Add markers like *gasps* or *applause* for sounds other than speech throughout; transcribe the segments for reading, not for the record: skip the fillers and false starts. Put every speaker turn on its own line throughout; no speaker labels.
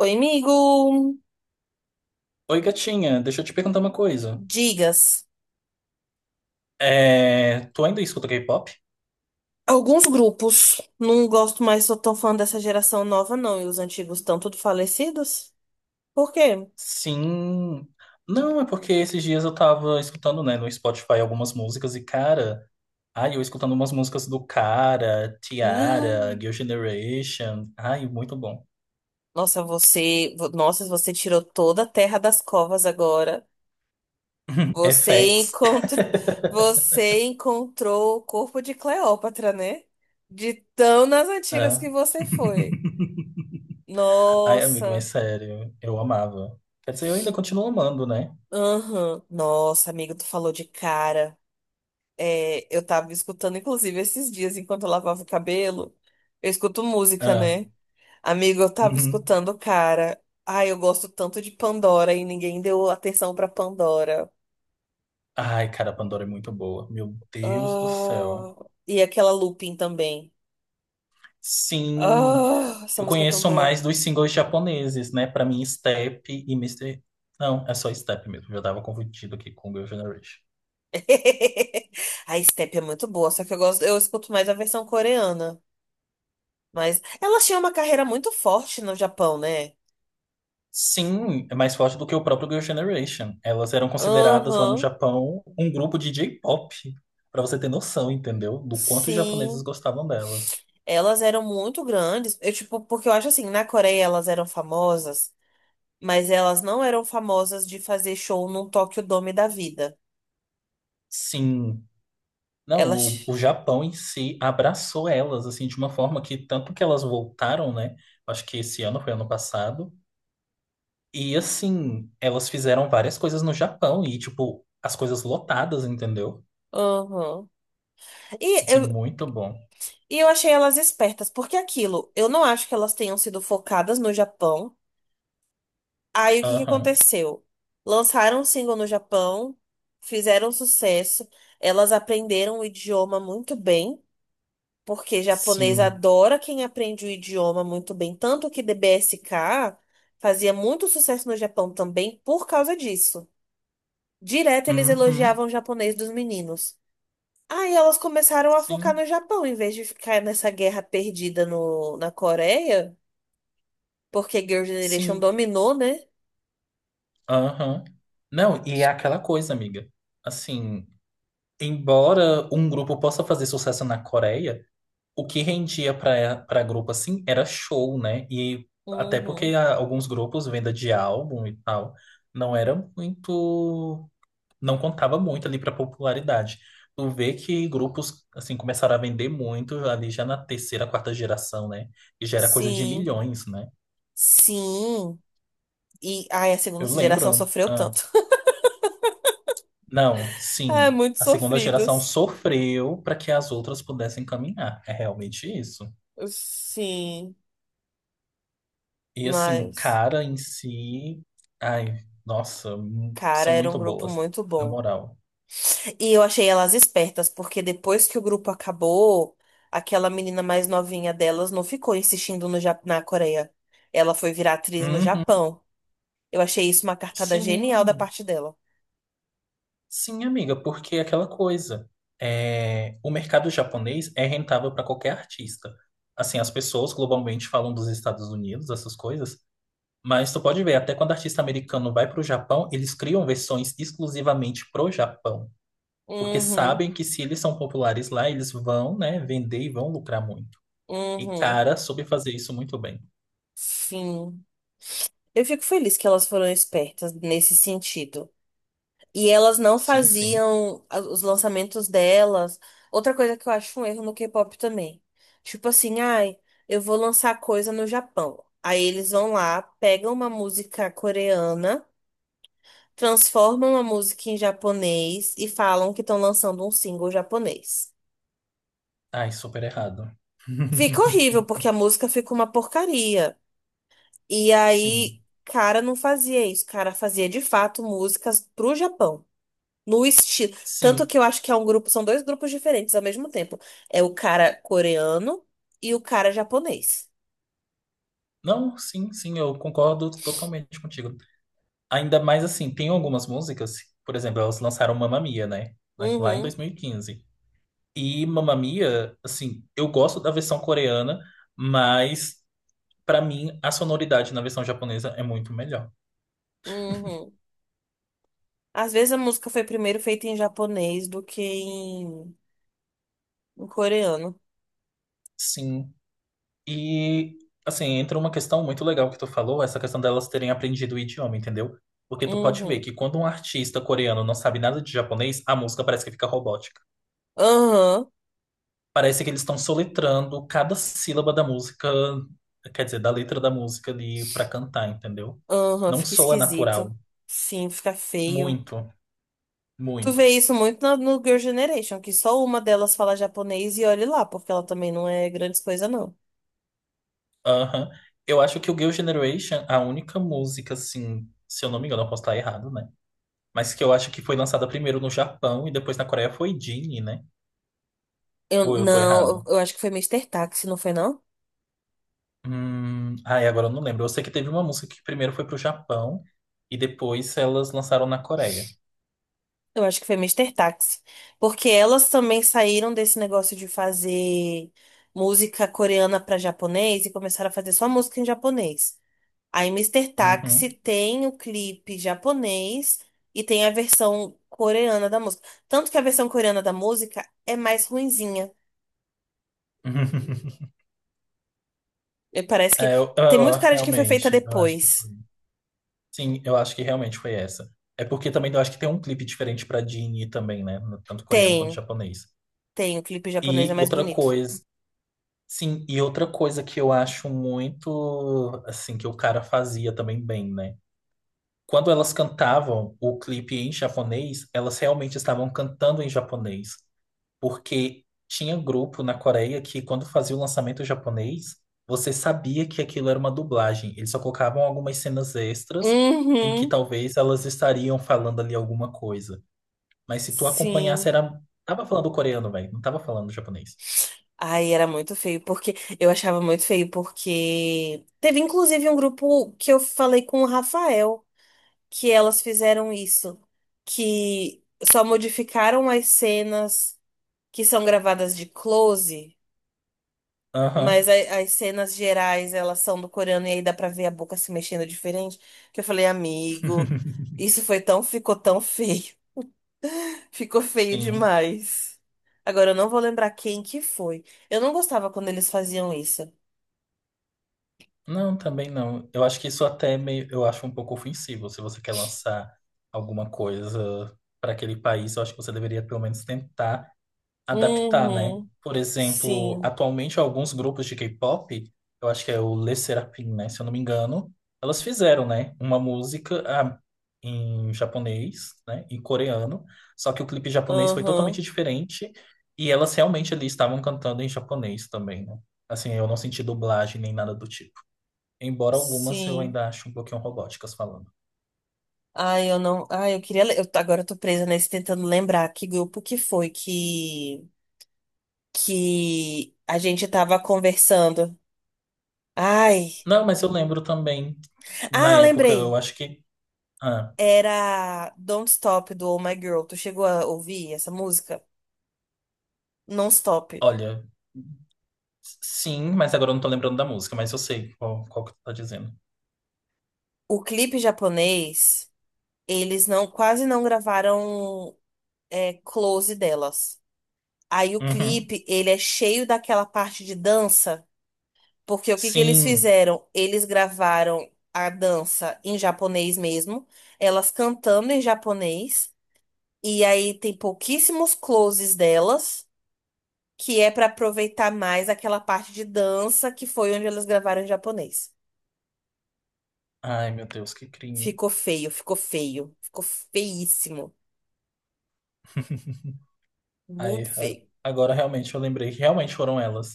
Oi, amigo.
Oi, gatinha, deixa eu te perguntar uma coisa.
Digas.
É, tu ainda escuta K-pop?
Alguns grupos, não gosto mais, sou tão fã dessa geração nova, não. E os antigos estão tudo falecidos? Por quê?
Sim. Não, é porque esses dias eu tava escutando, né, no Spotify algumas músicas e, cara, ai, eu escutando umas músicas do Cara, Tiara,
*gasps*
Girl Generation. Ai, muito bom.
Nossa, nossa, você tirou toda a terra das covas agora. Você
FX.
encontrou. *laughs*
*laughs*
Você encontrou o corpo de Cleópatra, né? De tão nas antigas
Ah.
que você foi.
*laughs* Ai, amigo, mas
Nossa.
sério, eu amava. Quer dizer, eu ainda continuo amando, né?
Aham. Nossa, amigo, tu falou de cara. É, eu tava escutando, inclusive, esses dias, enquanto eu lavava o cabelo, eu escuto música,
Ah.
né? Amigo, eu tava
Uhum.
escutando, o cara. Ai, eu gosto tanto de Pandora e ninguém deu atenção pra Pandora.
Ai, cara, a Pandora é muito boa. Meu Deus do céu.
Ah, e aquela Lupin também.
Sim,
Ah, essa
eu
música é tão
conheço
boa.
mais dos singles japoneses, né? Pra mim, Step e mister. Não, é só Step mesmo. Eu já tava confundido aqui com Girl Generation.
*laughs* A Step é muito boa, só que eu escuto mais a versão coreana. Mas ela tinha uma carreira muito forte no Japão, né?
Sim, é mais forte do que o próprio Girl Generation. Elas eram consideradas lá no
Aham,
Japão um grupo de J-pop. Pra você ter noção, entendeu? Do quanto os japoneses
sim.
gostavam delas.
Elas eram muito grandes. Eu, tipo, porque eu acho assim, na Coreia elas eram famosas, mas elas não eram famosas de fazer show num Tokyo Dome da vida.
Sim. Não, o,
Elas.
o Japão em si abraçou elas, assim, de uma forma que tanto que elas voltaram, né? Acho que esse ano foi ano passado. E assim, elas fizeram várias coisas no Japão e, tipo, as coisas lotadas, entendeu?
*laughs* Aham. E
Assim,
eu,
muito bom.
e eu achei elas espertas, porque aquilo, eu não acho que elas tenham sido focadas no Japão. Aí o que que
Aham.
aconteceu? Lançaram um single no Japão, fizeram sucesso, elas aprenderam o idioma muito bem. Porque japonês
Sim.
adora quem aprende o idioma muito bem. Tanto que DBSK fazia muito sucesso no Japão também por causa disso. Direto eles
Uhum.
elogiavam o japonês dos meninos. Aí elas começaram a focar
Sim.
no Japão, em vez de ficar nessa guerra perdida no, na Coreia, porque Girl Generation
Sim.
dominou, né?
Aham. Não, e é aquela coisa, amiga. Assim, embora um grupo possa fazer sucesso na Coreia, o que rendia pra para grupo assim era show, né? E até porque
Uhum.
alguns grupos, venda de álbum e tal, não era muito. Não contava muito ali para popularidade. Tu vê que grupos assim começaram a vender muito ali já na terceira, quarta geração, né? E já era coisa de
Sim,
milhões, né?
sim. E ai, a segunda
Eu
geração
lembro.
sofreu tanto. *laughs*
Não,
Ah,
sim.
muito
A segunda geração
sofridos.
sofreu para que as outras pudessem caminhar. É realmente isso.
Sim,
E assim,
mas.
cara em si, ai, nossa,
Cara,
são
era um
muito
grupo
boas,
muito
na
bom.
moral.
E eu achei elas espertas, porque depois que o grupo acabou, aquela menina mais novinha delas não ficou insistindo no Ja- na Coreia. Ela foi virar atriz no
Uhum,
Japão. Eu achei isso uma cartada genial da
sim.
parte dela.
Sim, amiga, porque é aquela coisa. É, o mercado japonês é rentável para qualquer artista. Assim, as pessoas globalmente falam dos Estados Unidos, essas coisas, mas tu pode ver, até quando artista americano vai para o Japão, eles criam versões exclusivamente pro Japão, porque
Uhum,
sabem que se eles são populares lá, eles vão, né, vender e vão lucrar muito. E
uhum.
cara, soube fazer isso muito bem.
Sim. Eu fico feliz que elas foram espertas nesse sentido. E elas não
Sim, sim.
faziam os lançamentos delas. Outra coisa que eu acho um erro no K-pop também. Tipo assim, ai, eu vou lançar coisa no Japão. Aí eles vão lá, pegam uma música coreana, transformam a música em japonês e falam que estão lançando um single japonês.
Ai, super errado.
Fica horrível, porque
*laughs*
a música fica uma porcaria. E
Sim,
aí, cara não fazia isso. Cara fazia de fato músicas pro Japão. No estilo. Tanto
sim.
que eu acho que é um grupo, são dois grupos diferentes ao mesmo tempo. É o cara coreano e o cara japonês.
Não, sim, sim, eu concordo totalmente contigo. Ainda mais assim, tem algumas músicas, por exemplo, elas lançaram Mamma Mia, né? Lá em
Uhum,
2015. E quinze. E Mamma Mia, assim, eu gosto da versão coreana, mas pra mim a sonoridade na versão japonesa é muito melhor.
uhum. Às vezes a música foi primeiro feita em japonês do que em coreano.
Sim. E assim, entra uma questão muito legal que tu falou, essa questão delas terem aprendido o idioma, entendeu? Porque tu pode ver
Uhum.
que quando um artista coreano não sabe nada de japonês, a música parece que fica robótica.
Aham,
Parece que eles estão soletrando cada sílaba da música, quer dizer, da letra da música ali pra cantar, entendeu?
aham,
Não
fica
soa
esquisito.
natural.
Sim, fica feio.
Muito,
Tu
muito.
vê isso muito no Girl Generation, que só uma delas fala japonês e olhe lá, porque ela também não é grande coisa, não.
Aham. Eu acho que o Girl Generation, a única música, assim, se eu não me engano, eu posso estar errado, né? Mas que eu acho que foi lançada primeiro no Japão e depois na Coreia foi Genie, né? Ou eu tô errado?
Eu acho que foi Mister Taxi, não foi, não?
Agora eu não lembro. Eu sei que teve uma música que primeiro foi pro Japão e depois elas lançaram na Coreia.
Eu acho que foi Mister Taxi. Porque elas também saíram desse negócio de fazer música coreana para japonês e começaram a fazer só música em japonês. Aí Mister
Uhum.
Taxi tem o clipe japonês e tem a versão coreana da música. Tanto que a versão coreana da música é mais ruinzinha.
*laughs*
E parece que
É,
tem muito cara de que foi feita
realmente, eu acho
depois.
que foi. Sim, eu acho que realmente foi essa. É porque também eu acho que tem um clipe diferente pra Dini também, né? Tanto coreano quanto
Tem,
japonês.
tem, o clipe japonês é
E
mais
outra
bonito.
coisa, sim, e outra coisa que eu acho muito, assim, que o cara fazia também bem, né? Quando elas cantavam o clipe em japonês, elas realmente estavam cantando em japonês. Porque tinha grupo na Coreia que, quando fazia o lançamento japonês, você sabia que aquilo era uma dublagem. Eles só colocavam algumas cenas extras em que
Uhum,
talvez elas estariam falando ali alguma coisa. Mas se tu acompanhasse,
sim.
era... Tava falando coreano, velho. Não tava falando japonês.
Ai, era muito feio, porque eu achava muito feio, porque teve inclusive um grupo que eu falei com o Rafael, que elas fizeram isso, que só modificaram as cenas que são gravadas de close, mas
Aham,
as cenas gerais elas são do coreano e aí dá pra ver a boca se mexendo diferente, que eu falei, amigo,
*laughs*
ficou tão feio, *laughs* ficou feio
sim.
demais. Agora eu não vou lembrar quem que foi. Eu não gostava quando eles faziam isso.
Não, também não. Eu acho que isso até é meio... Eu acho um pouco ofensivo. Se você quer lançar alguma coisa para aquele país, eu acho que você deveria pelo menos tentar adaptar, né?
Uhum,
Por exemplo,
sim,
atualmente alguns grupos de K-pop, eu acho que é o Le Serafim, né? Se eu não me engano, elas fizeram, né? Uma música em japonês, né? Em coreano, só que o clipe japonês foi totalmente
aham,
diferente e elas realmente ali estavam cantando em japonês também, né? Assim, eu não senti dublagem nem nada do tipo. Embora algumas eu
sim.
ainda acho um pouquinho robóticas falando.
Ai, eu não. Ai, eu queria. Le- Eu, agora eu tô presa nesse tentando lembrar que grupo que foi que a gente tava conversando. Ai.
Não, mas eu lembro também, na
Ah,
época, eu
lembrei.
acho que. Ah,
Era Don't Stop do Oh My Girl. Tu chegou a ouvir essa música? Non Stop.
olha. Sim, mas agora eu não tô lembrando da música, mas eu sei qual que tu tá dizendo.
O clipe japonês, eles quase não gravaram é, close delas. Aí o
Uhum.
clipe, ele é cheio daquela parte de dança. Porque o que que eles
Sim.
fizeram? Eles gravaram a dança em japonês mesmo, elas cantando em japonês, e aí tem pouquíssimos closes delas, que é pra aproveitar mais aquela parte de dança que foi onde elas gravaram em japonês.
Ai, meu Deus, que crime.
Ficou feio, ficou feio, ficou feíssimo,
*laughs* Aí,
muito
a-
feio.
Agora realmente eu lembrei que realmente foram elas.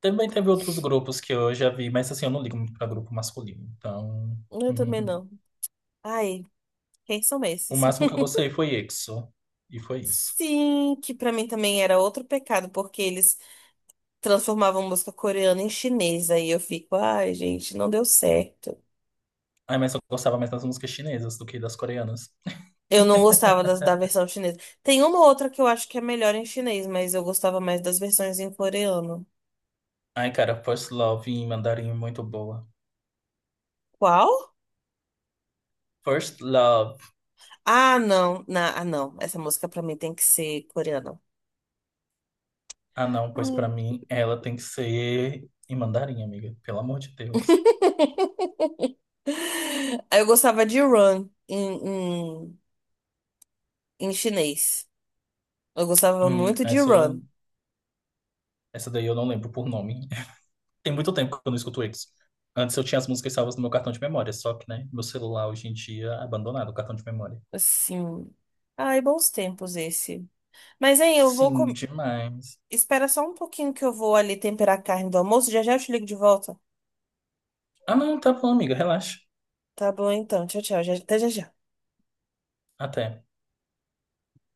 Também teve outros grupos que eu já vi, mas assim, eu não ligo muito pra grupo masculino. Então,
Eu também
*laughs*
não. Ai, quem são
o
esses?
máximo que eu
*laughs*
gostei foi EXO. E foi isso.
Sim, que pra mim também era outro pecado, porque eles transformavam música coreana em chinesa. E eu fico, ai, gente, não deu certo.
Ai, mas eu gostava mais das músicas chinesas do que das coreanas.
Eu não gostava
*laughs*
da versão chinesa. Tem uma outra que eu acho que é melhor em chinês, mas eu gostava mais das versões em coreano.
Ai, cara, First Love em mandarim é muito boa.
Qual?
First Love.
Ah, não. Essa música pra mim tem que ser coreana.
Ah, não, pois
Ah.
pra mim ela tem que ser em mandarim, amiga. Pelo amor de Deus.
*laughs* Eu gostava de Run em, em chinês. Eu gostava
Hum,
muito de
essa,
Run.
essa daí eu não lembro por nome. *laughs* Tem muito tempo que eu não escuto eles. Antes eu tinha as músicas salvas no meu cartão de memória, só que, né, meu celular hoje em dia é abandonado o cartão de memória.
Assim. Ai, bons tempos esse. Mas, hein, eu vou. Com-
Sim, demais.
Espera só um pouquinho que eu vou ali temperar a carne do almoço. Já já eu te ligo de volta.
Ah, não, tá bom, amiga, relaxa.
Tá bom, então. Tchau, tchau. Até já já.
Até.